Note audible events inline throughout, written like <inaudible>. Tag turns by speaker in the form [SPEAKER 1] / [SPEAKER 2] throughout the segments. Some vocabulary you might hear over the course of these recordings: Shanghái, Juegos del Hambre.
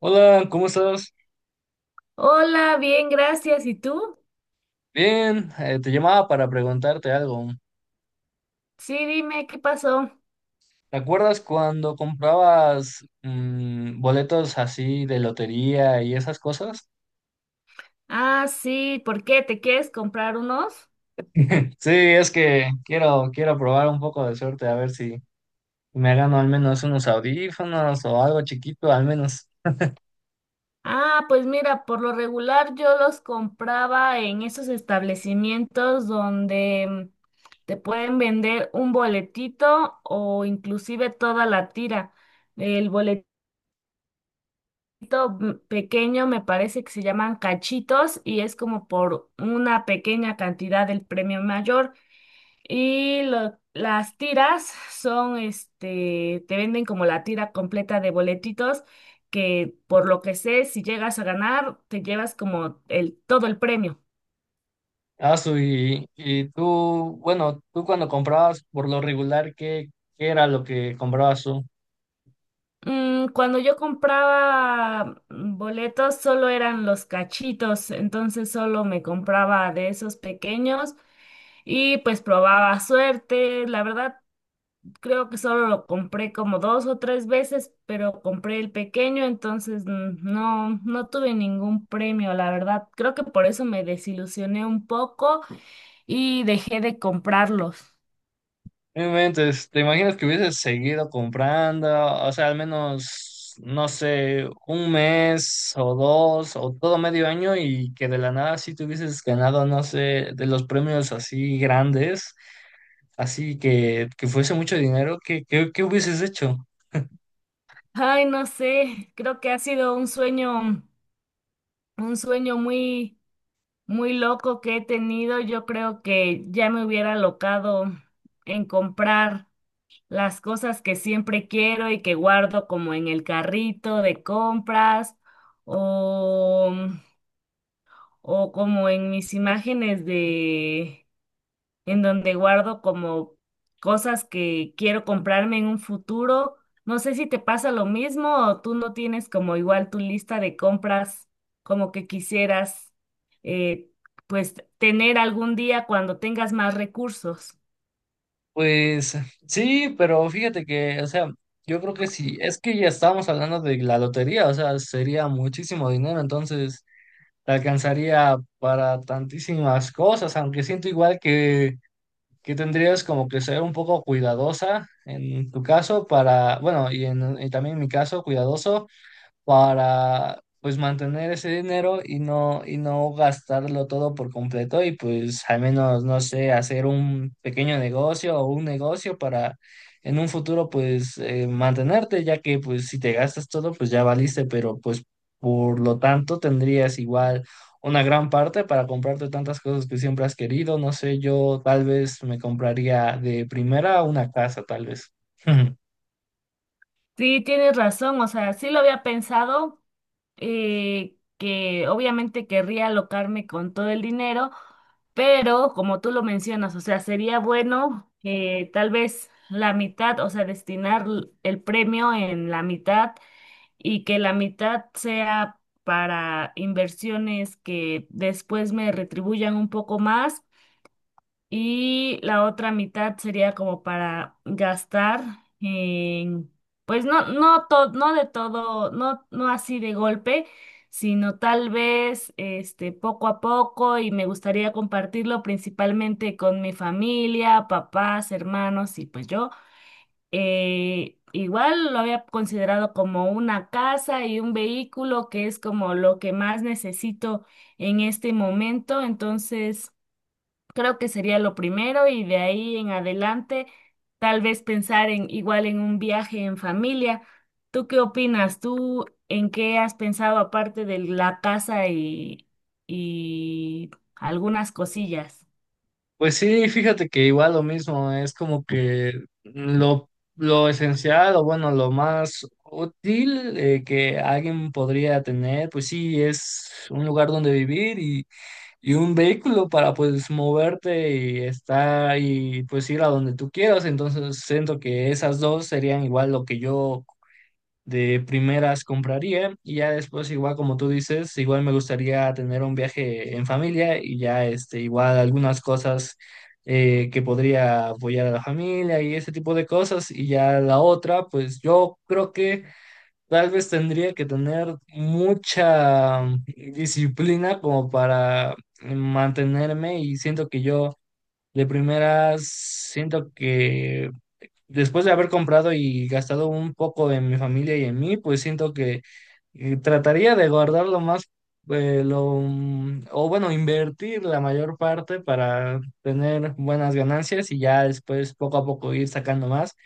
[SPEAKER 1] Hola, ¿cómo estás?
[SPEAKER 2] Hola, bien, gracias. ¿Y tú?
[SPEAKER 1] Bien, te llamaba para preguntarte algo.
[SPEAKER 2] Sí, dime, ¿qué pasó?
[SPEAKER 1] ¿Te acuerdas cuando comprabas boletos así de lotería y esas cosas?
[SPEAKER 2] Ah, sí, ¿por qué? ¿Te quieres comprar unos?
[SPEAKER 1] <laughs> Sí, es que quiero probar un poco de suerte a ver si me gano al menos unos audífonos o algo chiquito, al menos.
[SPEAKER 2] Ah, pues mira, por lo regular yo los compraba en esos establecimientos donde te pueden vender un boletito o inclusive toda la tira. El boletito pequeño me parece que se llaman cachitos y es como por una pequeña cantidad del premio mayor. Y las tiras son, este, te venden como la tira completa de boletitos, que por lo que sé, si llegas a ganar, te llevas como todo el premio.
[SPEAKER 1] Ah, su, y tú, bueno, tú cuando comprabas por lo regular, ¿qué era lo que comprabas tú?
[SPEAKER 2] Cuando yo compraba boletos, solo eran los cachitos, entonces solo me compraba de esos pequeños y pues probaba suerte. La verdad, creo que solo lo compré como dos o tres veces, pero compré el pequeño, entonces no, no tuve ningún premio, la verdad. Creo que por eso me desilusioné un poco y dejé de comprarlos.
[SPEAKER 1] No inventes, ¿te imaginas que hubieses seguido comprando? O sea, al menos, no sé, un mes o dos o todo medio año y que de la nada sí te hubieses ganado, no sé, de los premios así grandes, así que fuese mucho dinero, ¿qué hubieses hecho?
[SPEAKER 2] Ay, no sé, creo que ha sido un sueño muy, muy loco que he tenido. Yo creo que ya me hubiera locado en comprar las cosas que siempre quiero y que guardo como en el carrito de compras o, o como en mis imágenes de en donde guardo como cosas que quiero comprarme en un futuro. No sé si te pasa lo mismo o tú no tienes como igual tu lista de compras como que quisieras eh, pues tener algún día cuando tengas más recursos.
[SPEAKER 1] Pues sí, pero fíjate que, o sea, yo creo que sí, es que ya estábamos hablando de la lotería, o sea, sería muchísimo dinero, entonces te alcanzaría para tantísimas cosas, aunque siento igual que tendrías como que ser un poco cuidadosa en tu caso para, bueno, y, en, y también en mi caso, cuidadoso para pues mantener ese dinero y no gastarlo todo por completo y pues al menos, no sé, hacer un pequeño negocio o un negocio para en un futuro pues mantenerte, ya que pues si te gastas todo pues ya valiste, pero pues por lo tanto tendrías igual una gran parte para comprarte tantas cosas que siempre has querido, no sé, yo tal vez me compraría de primera una casa, tal vez. <laughs>
[SPEAKER 2] Sí, tienes razón, o sea, sí lo había pensado, que obviamente querría alocarme con todo el dinero, pero como tú lo mencionas, o sea, sería bueno tal vez la mitad, o sea, destinar el premio en la mitad y que la mitad sea para inversiones que después me retribuyan un poco más y la otra mitad sería como para gastar en, pues no, no, no de todo, no, no así de golpe, sino tal vez este, poco a poco y me gustaría compartirlo principalmente con mi familia, papás, hermanos y pues yo. Igual lo había considerado como una casa y un vehículo que es como lo que más necesito en este momento, entonces creo que sería lo primero y de ahí en adelante tal vez pensar en igual en un viaje en familia. ¿Tú qué opinas? ¿Tú en qué has pensado aparte de la casa y algunas cosillas?
[SPEAKER 1] Pues sí, fíjate que igual lo mismo, es como que lo, lo esencial o bueno, lo más útil que alguien podría tener, pues sí, es un lugar donde vivir y un vehículo para pues moverte y estar y pues ir a donde tú quieras. Entonces siento que esas dos serían igual lo que yo de primeras compraría y ya después igual como tú dices, igual me gustaría tener un viaje en familia y ya este igual algunas cosas que podría apoyar a la familia y ese tipo de cosas y ya la otra pues yo creo que tal vez tendría que tener mucha disciplina como para mantenerme y siento que yo de primeras siento que después de haber comprado y gastado un poco en mi familia y en mí, pues siento que trataría de guardar lo más, lo, o bueno, invertir la mayor parte para tener buenas ganancias y ya después poco a poco ir sacando más.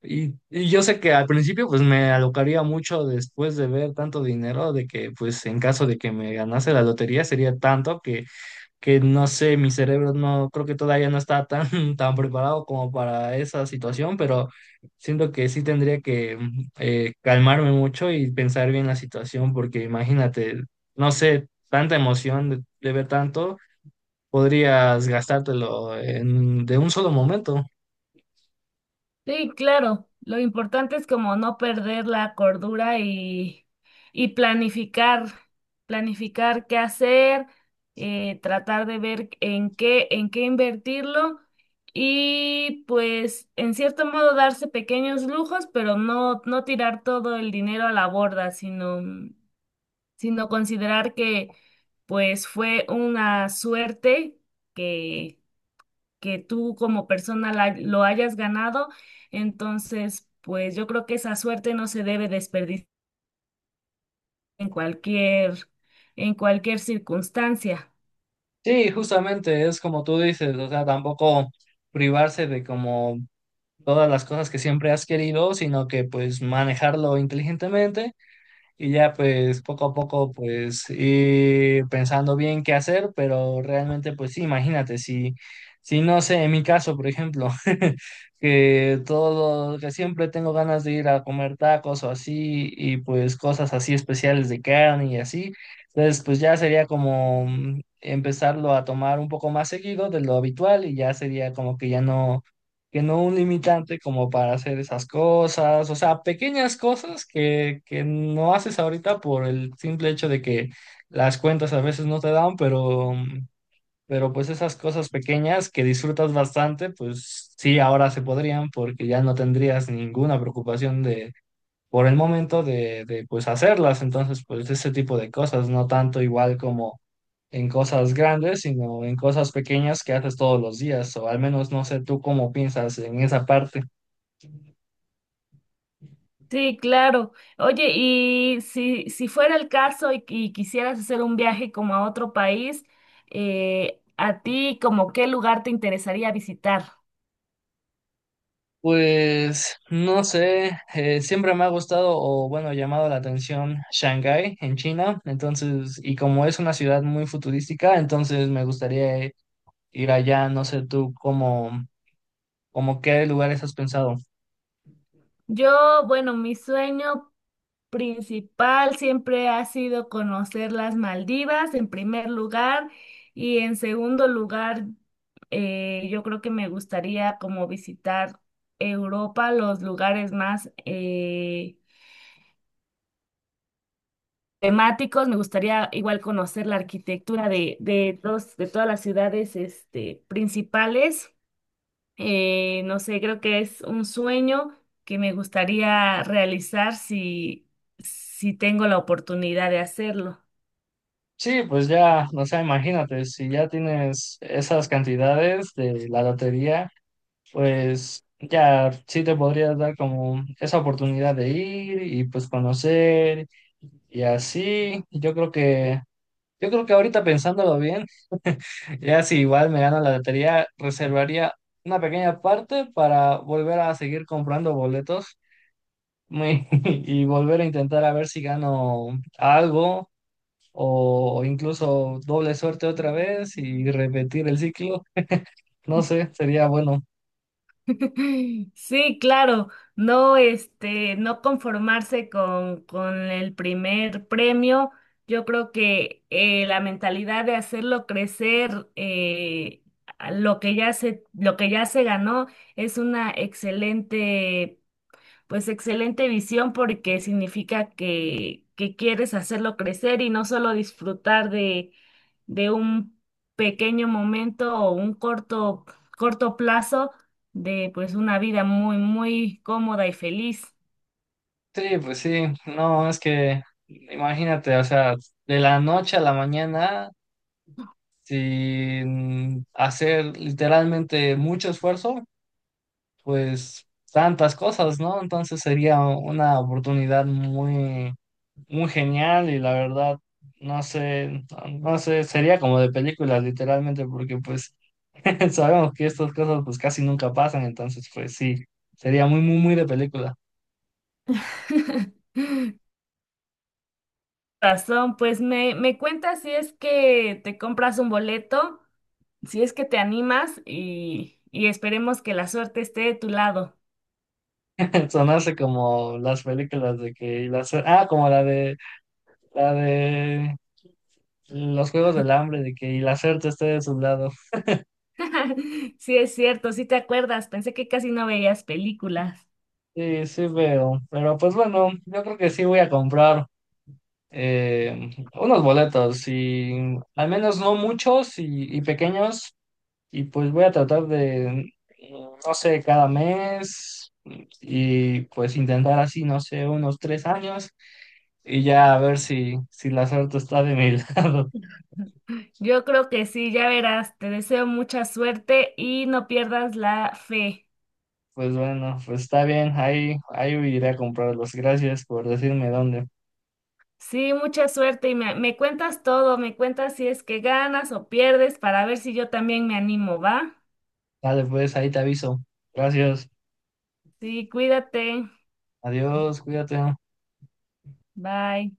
[SPEAKER 1] Y yo sé que al principio pues me alocaría mucho después de ver tanto dinero, de que pues en caso de que me ganase la lotería sería tanto que no sé, mi cerebro no, creo que todavía no está tan, <laughs> tan preparado como para esa situación, pero siento que sí tendría que calmarme mucho y pensar bien la situación, porque imagínate, no sé, tanta emoción de ver tanto, podrías gastártelo en, de un solo momento.
[SPEAKER 2] Sí, claro. Lo importante es como no perder la cordura y planificar, planificar qué hacer, tratar de ver en qué invertirlo y pues en cierto modo darse pequeños lujos, pero no, no tirar todo el dinero a la borda, sino considerar que pues fue una suerte que que tú como persona lo hayas ganado. Entonces, pues yo creo que esa suerte no se debe desperdiciar en cualquier, en cualquier circunstancia.
[SPEAKER 1] Sí, justamente es como tú dices, o sea, tampoco privarse de como todas las cosas que siempre has querido, sino que pues manejarlo inteligentemente. Y ya pues poco a poco pues ir pensando bien qué hacer, pero realmente pues sí, imagínate, si, si no sé, en mi caso, por ejemplo, <laughs> que todo, que siempre tengo ganas de ir a comer tacos o así, y pues cosas así especiales de carne y así, entonces pues ya sería como empezarlo a tomar un poco más seguido de lo habitual y ya sería como que ya no que no un limitante como para hacer esas cosas, o sea, pequeñas cosas que no haces ahorita por el simple hecho de que las cuentas a veces no te dan, pero pues esas cosas pequeñas que disfrutas bastante, pues sí, ahora se podrían porque ya no tendrías ninguna preocupación de por el momento de pues hacerlas, entonces pues ese tipo de cosas, no tanto igual como en cosas grandes, sino en cosas pequeñas que haces todos los días, o al menos no sé tú cómo piensas en esa parte.
[SPEAKER 2] Sí, claro. Oye, y si fuera el caso y quisieras hacer un viaje como a otro país, ¿a ti como qué lugar te interesaría visitar?
[SPEAKER 1] Pues no sé, siempre me ha gustado o bueno, llamado la atención Shanghái en China, entonces, y como es una ciudad muy futurística, entonces me gustaría ir allá, no sé tú cómo, cómo qué lugares has pensado.
[SPEAKER 2] Yo, bueno, mi sueño principal siempre ha sido conocer las Maldivas en primer lugar y en segundo lugar yo creo que me gustaría como visitar Europa, los lugares más temáticos, me gustaría igual conocer la arquitectura de todas las ciudades este, principales. No sé, creo que es un sueño que me gustaría realizar si tengo la oportunidad de hacerlo.
[SPEAKER 1] Sí, pues ya, o sea, imagínate, si ya tienes esas cantidades de la lotería pues ya sí te podrías dar como esa oportunidad de ir y pues conocer y así. Yo creo que ahorita pensándolo bien, <laughs> ya si igual me gano la lotería, reservaría una pequeña parte para volver a seguir comprando boletos muy- <laughs> y volver a intentar a ver si gano algo o incluso doble suerte otra vez y repetir el ciclo. No sé, sería bueno.
[SPEAKER 2] <laughs> Sí, claro, no, este, no conformarse con el primer premio. Yo creo que la mentalidad de hacerlo crecer, a lo que ya se, lo que ya se ganó, es una excelente visión porque significa que quieres hacerlo crecer y no solo disfrutar de un pequeño momento o un corto, corto plazo de pues una vida muy, muy cómoda y feliz.
[SPEAKER 1] Sí, pues sí, no, es que imagínate, o sea, de la noche a la mañana, sin hacer literalmente mucho esfuerzo, pues tantas cosas, ¿no? Entonces sería una oportunidad muy, muy genial y la verdad, no sé, no sé, sería como de películas literalmente, porque pues <laughs> sabemos que estas cosas pues casi nunca pasan, entonces pues sí, sería muy, muy, muy de película.
[SPEAKER 2] <laughs> Razón, pues me cuentas si es que te compras un boleto, si es que te animas y esperemos que la suerte esté de tu lado.
[SPEAKER 1] Son así como las películas de que y las, ah, como la de los Juegos del Hambre, de que y la suerte esté de su lado.
[SPEAKER 2] <laughs> Sí, es cierto, sí te acuerdas, pensé que casi no veías películas.
[SPEAKER 1] Sí, sí veo. Pero pues bueno, yo creo que sí voy a comprar unos boletos y al menos no muchos y pequeños. Y pues voy a tratar de, no sé, cada mes y pues intentar así, no sé, unos 3 años y ya a ver si, si la suerte está de mi <laughs> lado.
[SPEAKER 2] Yo creo que sí, ya verás, te deseo mucha suerte y no pierdas la fe.
[SPEAKER 1] Pues bueno, pues está bien, ahí, ahí iré a comprarlos. Gracias por decirme dónde.
[SPEAKER 2] Sí, mucha suerte y me cuentas todo, me cuentas si es que ganas o pierdes para ver si yo también me animo, ¿va?
[SPEAKER 1] Dale, pues ahí te aviso. Gracias.
[SPEAKER 2] Sí, cuídate,
[SPEAKER 1] Adiós, cuídate.
[SPEAKER 2] bye.